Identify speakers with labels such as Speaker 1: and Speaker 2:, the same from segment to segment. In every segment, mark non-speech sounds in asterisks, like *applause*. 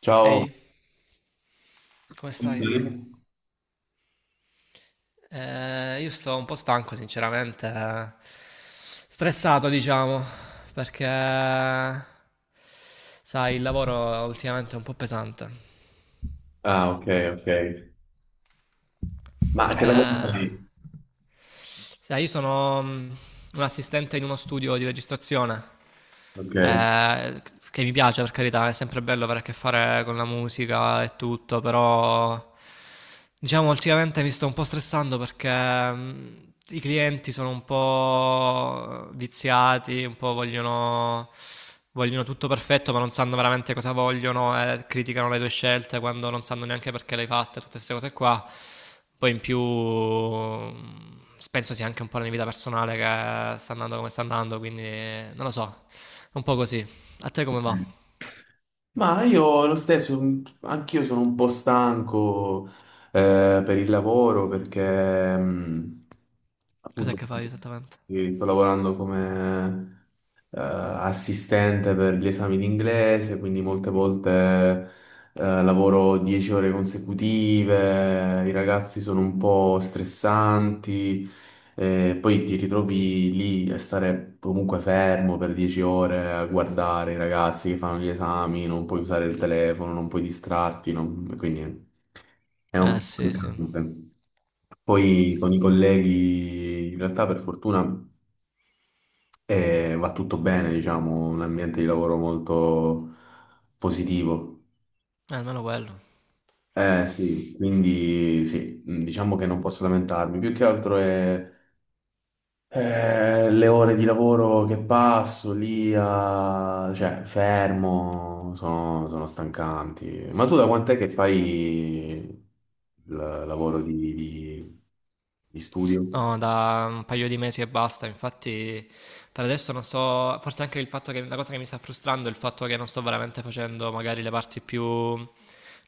Speaker 1: Ciao.
Speaker 2: Ehi, come
Speaker 1: Come
Speaker 2: stai?
Speaker 1: stai?
Speaker 2: Io sto un po' stanco, sinceramente, stressato, diciamo, perché, sai, il lavoro ultimamente è un po' pesante.
Speaker 1: Ah, ok, ok. Ma che lavoro
Speaker 2: Eh,
Speaker 1: fai?
Speaker 2: Sai, io sono un assistente in uno studio di registrazione,
Speaker 1: Ok,
Speaker 2: eh, che mi piace per carità, è sempre bello avere a che fare con la musica e tutto, però diciamo ultimamente mi sto un po' stressando perché, i clienti sono un po' viziati, un po' vogliono... Vogliono tutto perfetto, ma non sanno veramente cosa vogliono e criticano le tue scelte quando non sanno neanche perché le hai fatte, tutte queste cose qua. Poi in più penso sia anche un po' la mia vita personale che sta andando come sta andando, quindi non lo so, è un po' così. A te come va?
Speaker 1: ok. Ma io lo stesso, anch'io sono un po' stanco per il lavoro perché
Speaker 2: Cos'è
Speaker 1: appunto
Speaker 2: che fai esattamente?
Speaker 1: sì, sto lavorando come assistente per gli esami in inglese, quindi molte volte lavoro 10 ore consecutive, i ragazzi sono un po' stressanti. Poi ti ritrovi lì a stare comunque fermo per 10 ore a guardare i ragazzi che fanno gli esami, non puoi usare il telefono, non puoi distrarti, quindi è un
Speaker 2: Eh
Speaker 1: po'
Speaker 2: sì, sì, eh,
Speaker 1: stancante. Poi con i colleghi, in realtà per fortuna e va tutto bene, diciamo, un ambiente di lavoro molto positivo.
Speaker 2: almeno quello.
Speaker 1: Eh sì, quindi sì, diciamo che non posso lamentarmi, più che altro è le ore di lavoro che passo lì, cioè fermo, sono stancanti. Ma tu da quant'è che fai il lavoro di studio?
Speaker 2: No, da un paio di mesi e basta, infatti per adesso non sto, forse anche il fatto che la cosa che mi sta frustrando è il fatto che non sto veramente facendo magari le parti più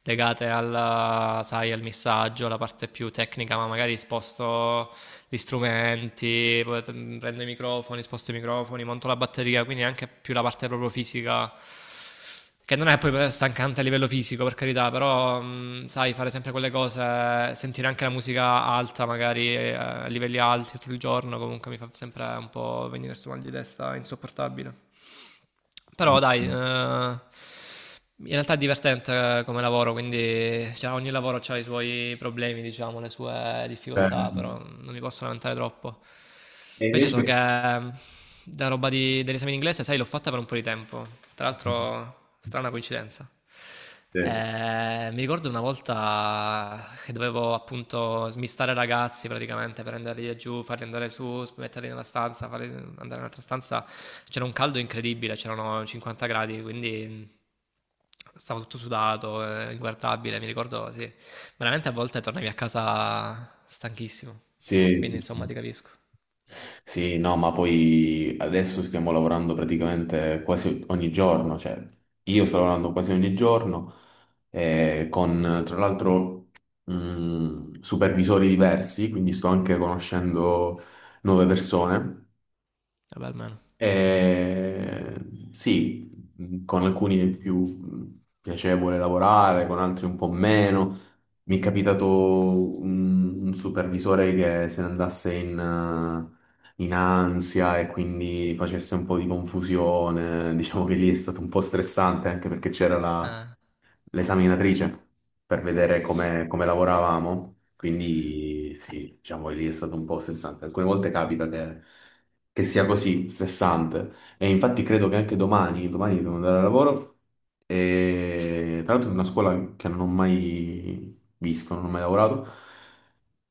Speaker 2: legate al, sai, al missaggio, la parte più tecnica, ma magari sposto gli strumenti, prendo i microfoni, sposto i microfoni, monto la batteria, quindi anche più la parte proprio fisica che non è poi stancante a livello fisico, per carità, però sai, fare sempre quelle cose, sentire anche la musica alta, magari a livelli alti tutto il giorno, comunque mi fa sempre un po' venire sto mal di testa insopportabile. Però dai,
Speaker 1: Mm.
Speaker 2: in realtà è divertente come lavoro, quindi cioè, ogni lavoro ha i suoi problemi, diciamo, le sue
Speaker 1: Eh,
Speaker 2: difficoltà, però non mi posso lamentare troppo.
Speaker 1: e
Speaker 2: Invece so che
Speaker 1: invece...
Speaker 2: dell'esame in inglese, sai, l'ho fatta per un po' di tempo. Tra l'altro, strana coincidenza.
Speaker 1: Sì,
Speaker 2: Mi ricordo una volta che dovevo appunto smistare ragazzi praticamente, prenderli giù, farli andare su, metterli nella stanza, farli andare in un'altra stanza. C'era un caldo incredibile, c'erano 50 gradi, quindi, stavo tutto sudato, inguardabile. Mi ricordo, sì, veramente a volte tornavi a casa stanchissimo. Quindi
Speaker 1: sì,
Speaker 2: insomma
Speaker 1: sì.
Speaker 2: ti capisco.
Speaker 1: Sì, no, ma poi adesso stiamo lavorando praticamente quasi ogni giorno, cioè io sto lavorando quasi ogni giorno con tra l'altro supervisori diversi, quindi sto anche conoscendo nuove persone.
Speaker 2: Vabbè, almeno.
Speaker 1: Eh, sì, con alcuni è più piacevole lavorare, con altri un po' meno. Mi è capitato un supervisore che se ne andasse in, in ansia e quindi facesse un po' di confusione. Diciamo che lì è stato un po' stressante anche perché c'era la
Speaker 2: Eh.
Speaker 1: l'esaminatrice per vedere come, come lavoravamo. Quindi sì, diciamo lì è stato un po' stressante. Alcune volte capita che sia così stressante. E infatti credo che anche domani, domani devo andare al lavoro. E tra l'altro è una scuola che non ho mai visto, non ho mai lavorato.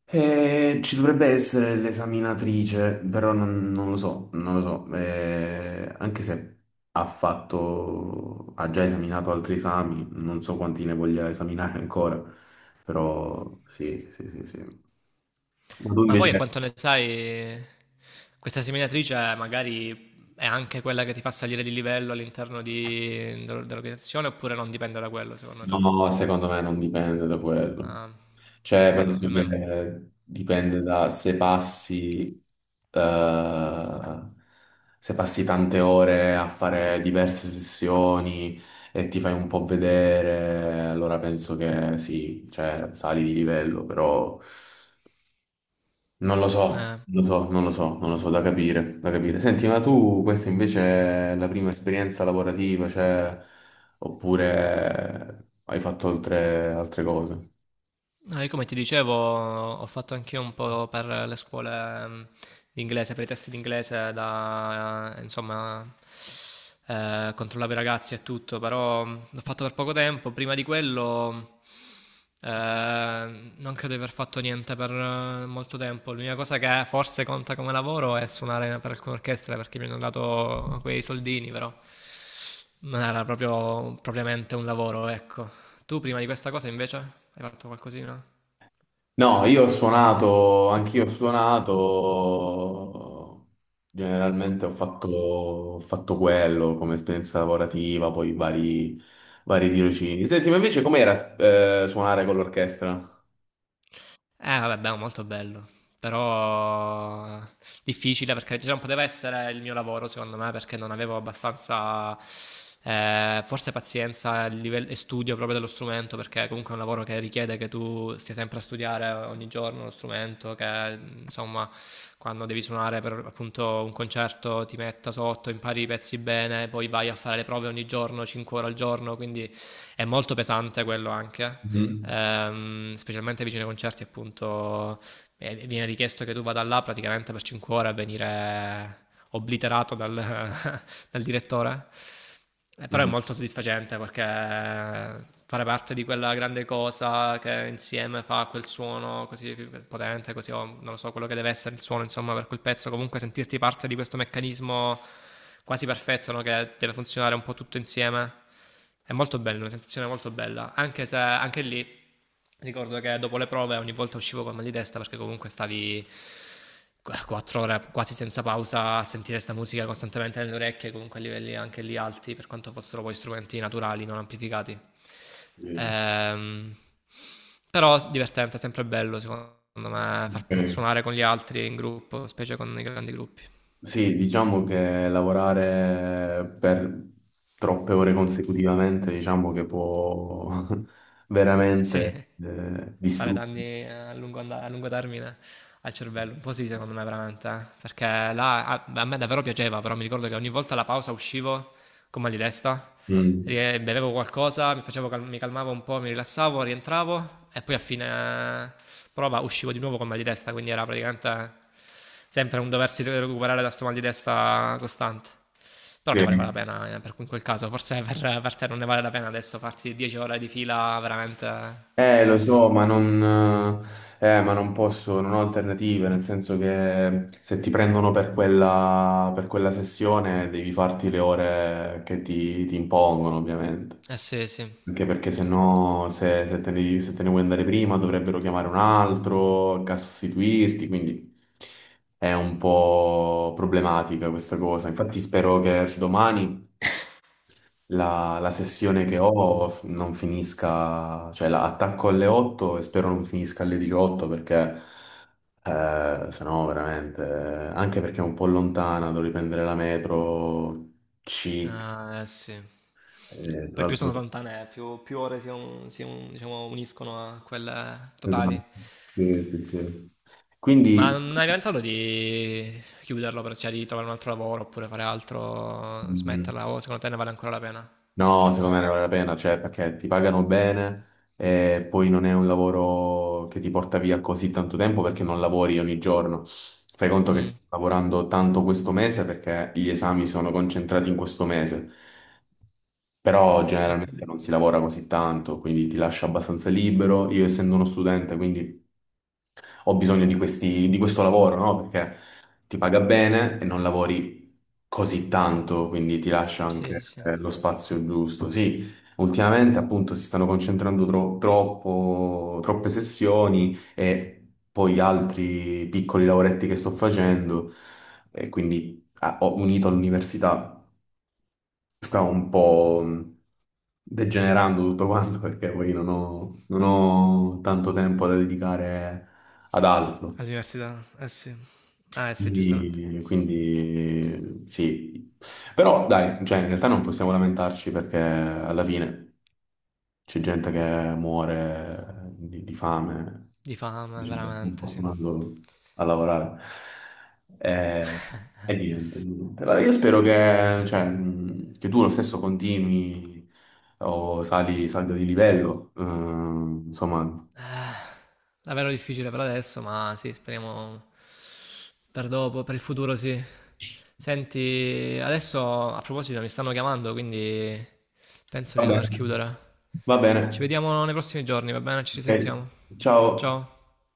Speaker 1: Ci dovrebbe essere l'esaminatrice, però non lo so, non lo so. Anche se ha fatto, ha già esaminato altri esami, non so quanti ne voglia esaminare ancora, però sì, sì, sì, sì. Ma tu
Speaker 2: Ma poi a
Speaker 1: invece,
Speaker 2: quanto ne sai, questa seminatrice magari è anche quella che ti fa salire di livello dell'organizzazione oppure non dipende da quello secondo te?
Speaker 1: no, secondo me non dipende da quello.
Speaker 2: Ah,
Speaker 1: Cioè,
Speaker 2: peccato,
Speaker 1: penso che
Speaker 2: almeno.
Speaker 1: dipende da se passi, eh, se passi tante ore a fare diverse sessioni e ti fai un po' vedere, allora penso che sì, cioè sali di livello, però non lo so,
Speaker 2: Eh,
Speaker 1: non lo so, non lo so, non lo so, da capire, da capire. Senti, ma tu questa invece è la prima esperienza lavorativa, cioè, oppure hai fatto altre cose?
Speaker 2: No, io come ti dicevo, ho fatto anch'io un po' per le scuole di inglese, per i test di inglese, da, insomma, controllavo i ragazzi e tutto, però l'ho fatto per poco tempo. Prima di quello, non credo di aver fatto niente per molto tempo. L'unica cosa che forse conta come lavoro è suonare per alcune orchestre, perché mi hanno dato quei soldini, però non era proprio propriamente un lavoro, ecco. Tu prima di questa cosa invece hai fatto qualcosina?
Speaker 1: No, io ho suonato, anch'io ho suonato, generalmente ho fatto quello come esperienza lavorativa, poi vari, vari tirocini. Senti, ma invece com'era suonare con l'orchestra?
Speaker 2: Vabbè, beh, molto bello. Però difficile perché cioè, non poteva essere il mio lavoro, secondo me, perché non avevo abbastanza, forse pazienza livello, e studio proprio dello strumento, perché comunque è un lavoro che richiede che tu stia sempre a studiare ogni giorno lo strumento, che insomma, quando devi suonare per appunto un concerto ti metta sotto, impari i pezzi bene, poi vai a fare le prove ogni giorno, 5 ore al giorno, quindi è molto pesante quello anche
Speaker 1: Mhm.
Speaker 2: specialmente vicino ai concerti appunto viene richiesto che tu vada là praticamente per 5 ore a venire obliterato dal, *laughs* dal direttore. Però è
Speaker 1: Mm.
Speaker 2: molto soddisfacente perché fare parte di quella grande cosa che insieme fa quel suono così potente, così o non lo so, quello che deve essere il suono, insomma, per quel pezzo, comunque sentirti parte di questo meccanismo quasi perfetto, no? Che deve funzionare un po' tutto insieme. È molto bello, una sensazione molto bella, anche se anche lì ricordo che dopo le prove ogni volta uscivo col mal di testa perché comunque stavi 4 ore quasi senza pausa a sentire questa musica costantemente nelle orecchie, comunque a livelli anche lì alti, per quanto fossero poi strumenti naturali, non amplificati.
Speaker 1: Sì.
Speaker 2: Ehm, Però divertente, sempre bello secondo me
Speaker 1: Ok.
Speaker 2: suonare con gli altri in gruppo, specie con i grandi gruppi.
Speaker 1: Sì, diciamo che lavorare per troppe ore consecutivamente, diciamo che può *laughs*
Speaker 2: Sì.
Speaker 1: veramente
Speaker 2: Fare
Speaker 1: distruggere.
Speaker 2: danni a lungo, a lungo termine al cervello. Un po' sì, secondo me, veramente. Eh. Perché là a, a me davvero piaceva, però mi ricordo che ogni volta alla pausa uscivo con mal di testa,
Speaker 1: Mm.
Speaker 2: bevevo qualcosa, mi, mi calmavo un po', mi rilassavo, rientravo e poi a fine eh, prova uscivo di nuovo con mal di testa, quindi era praticamente sempre un doversi recuperare da sto mal di testa costante. Però ne valeva la
Speaker 1: Sì.
Speaker 2: pena per in quel caso, forse per te non ne vale la pena adesso farti 10 ore di fila veramente.
Speaker 1: Lo so, ma non posso, non ho alternative, nel senso che se ti prendono per quella sessione devi farti le ore che ti impongono, ovviamente.
Speaker 2: Eh sì, sì.
Speaker 1: Anche perché se no, se te ne, se te ne vuoi andare prima, dovrebbero chiamare un altro che a sostituirti, quindi è un po' problematica questa cosa. Infatti spero che domani la sessione che ho non finisca, cioè la attacco alle 8 e spero non finisca alle 18 perché se no veramente, anche perché è un po' lontana, devo riprendere la metro C.
Speaker 2: Ah, eh sì.
Speaker 1: Tra
Speaker 2: Poi più
Speaker 1: l'altro,
Speaker 2: sono lontane, più, più ore si, diciamo, uniscono a quelle totali.
Speaker 1: esatto. Sì, sì, sì.
Speaker 2: Ma
Speaker 1: Quindi,
Speaker 2: non hai pensato di chiuderlo, per, cioè di trovare un altro lavoro oppure fare altro,
Speaker 1: mm,
Speaker 2: smetterla? O secondo te ne vale ancora la pena?
Speaker 1: no, secondo me ne vale la pena, cioè perché ti pagano bene e poi non è un lavoro che ti porta via così tanto tempo perché non lavori ogni giorno. Fai conto che, mm,
Speaker 2: Mm,
Speaker 1: stai lavorando tanto questo mese perché gli esami sono concentrati in questo mese, però
Speaker 2: ho
Speaker 1: generalmente
Speaker 2: capito.
Speaker 1: non si lavora così tanto, quindi ti lascia abbastanza libero. Io essendo uno studente, quindi ho bisogno di di questo lavoro, no? Perché ti paga bene e non lavori così tanto, quindi ti lascia
Speaker 2: Sì,
Speaker 1: anche
Speaker 2: sì.
Speaker 1: lo spazio giusto. Sì, ultimamente appunto si stanno concentrando troppo, troppe sessioni e poi altri piccoli lavoretti che sto facendo e quindi ah, ho unito all'università, sta un po' degenerando tutto quanto perché poi non ho tanto tempo da dedicare ad altro.
Speaker 2: All'università, eh sì. Ah, eh sì, giustamente.
Speaker 1: Quindi, quindi sì, però dai, cioè, in realtà non possiamo lamentarci perché alla fine c'è gente che muore di fame,
Speaker 2: Di fame,
Speaker 1: dice, "Beh, sono
Speaker 2: veramente, sì.
Speaker 1: fortunato a lavorare. E, e niente, niente. Allora, io spero che, cioè, che tu lo stesso continui o salga di livello, insomma,
Speaker 2: Davvero difficile per adesso, ma sì, speriamo per dopo, per il futuro sì. Senti, adesso a proposito mi stanno chiamando, quindi penso
Speaker 1: va
Speaker 2: di dover
Speaker 1: bene,
Speaker 2: chiudere.
Speaker 1: va bene.
Speaker 2: Ci vediamo nei prossimi giorni, va bene? Ci
Speaker 1: Ok,
Speaker 2: risentiamo.
Speaker 1: ciao.
Speaker 2: Ciao.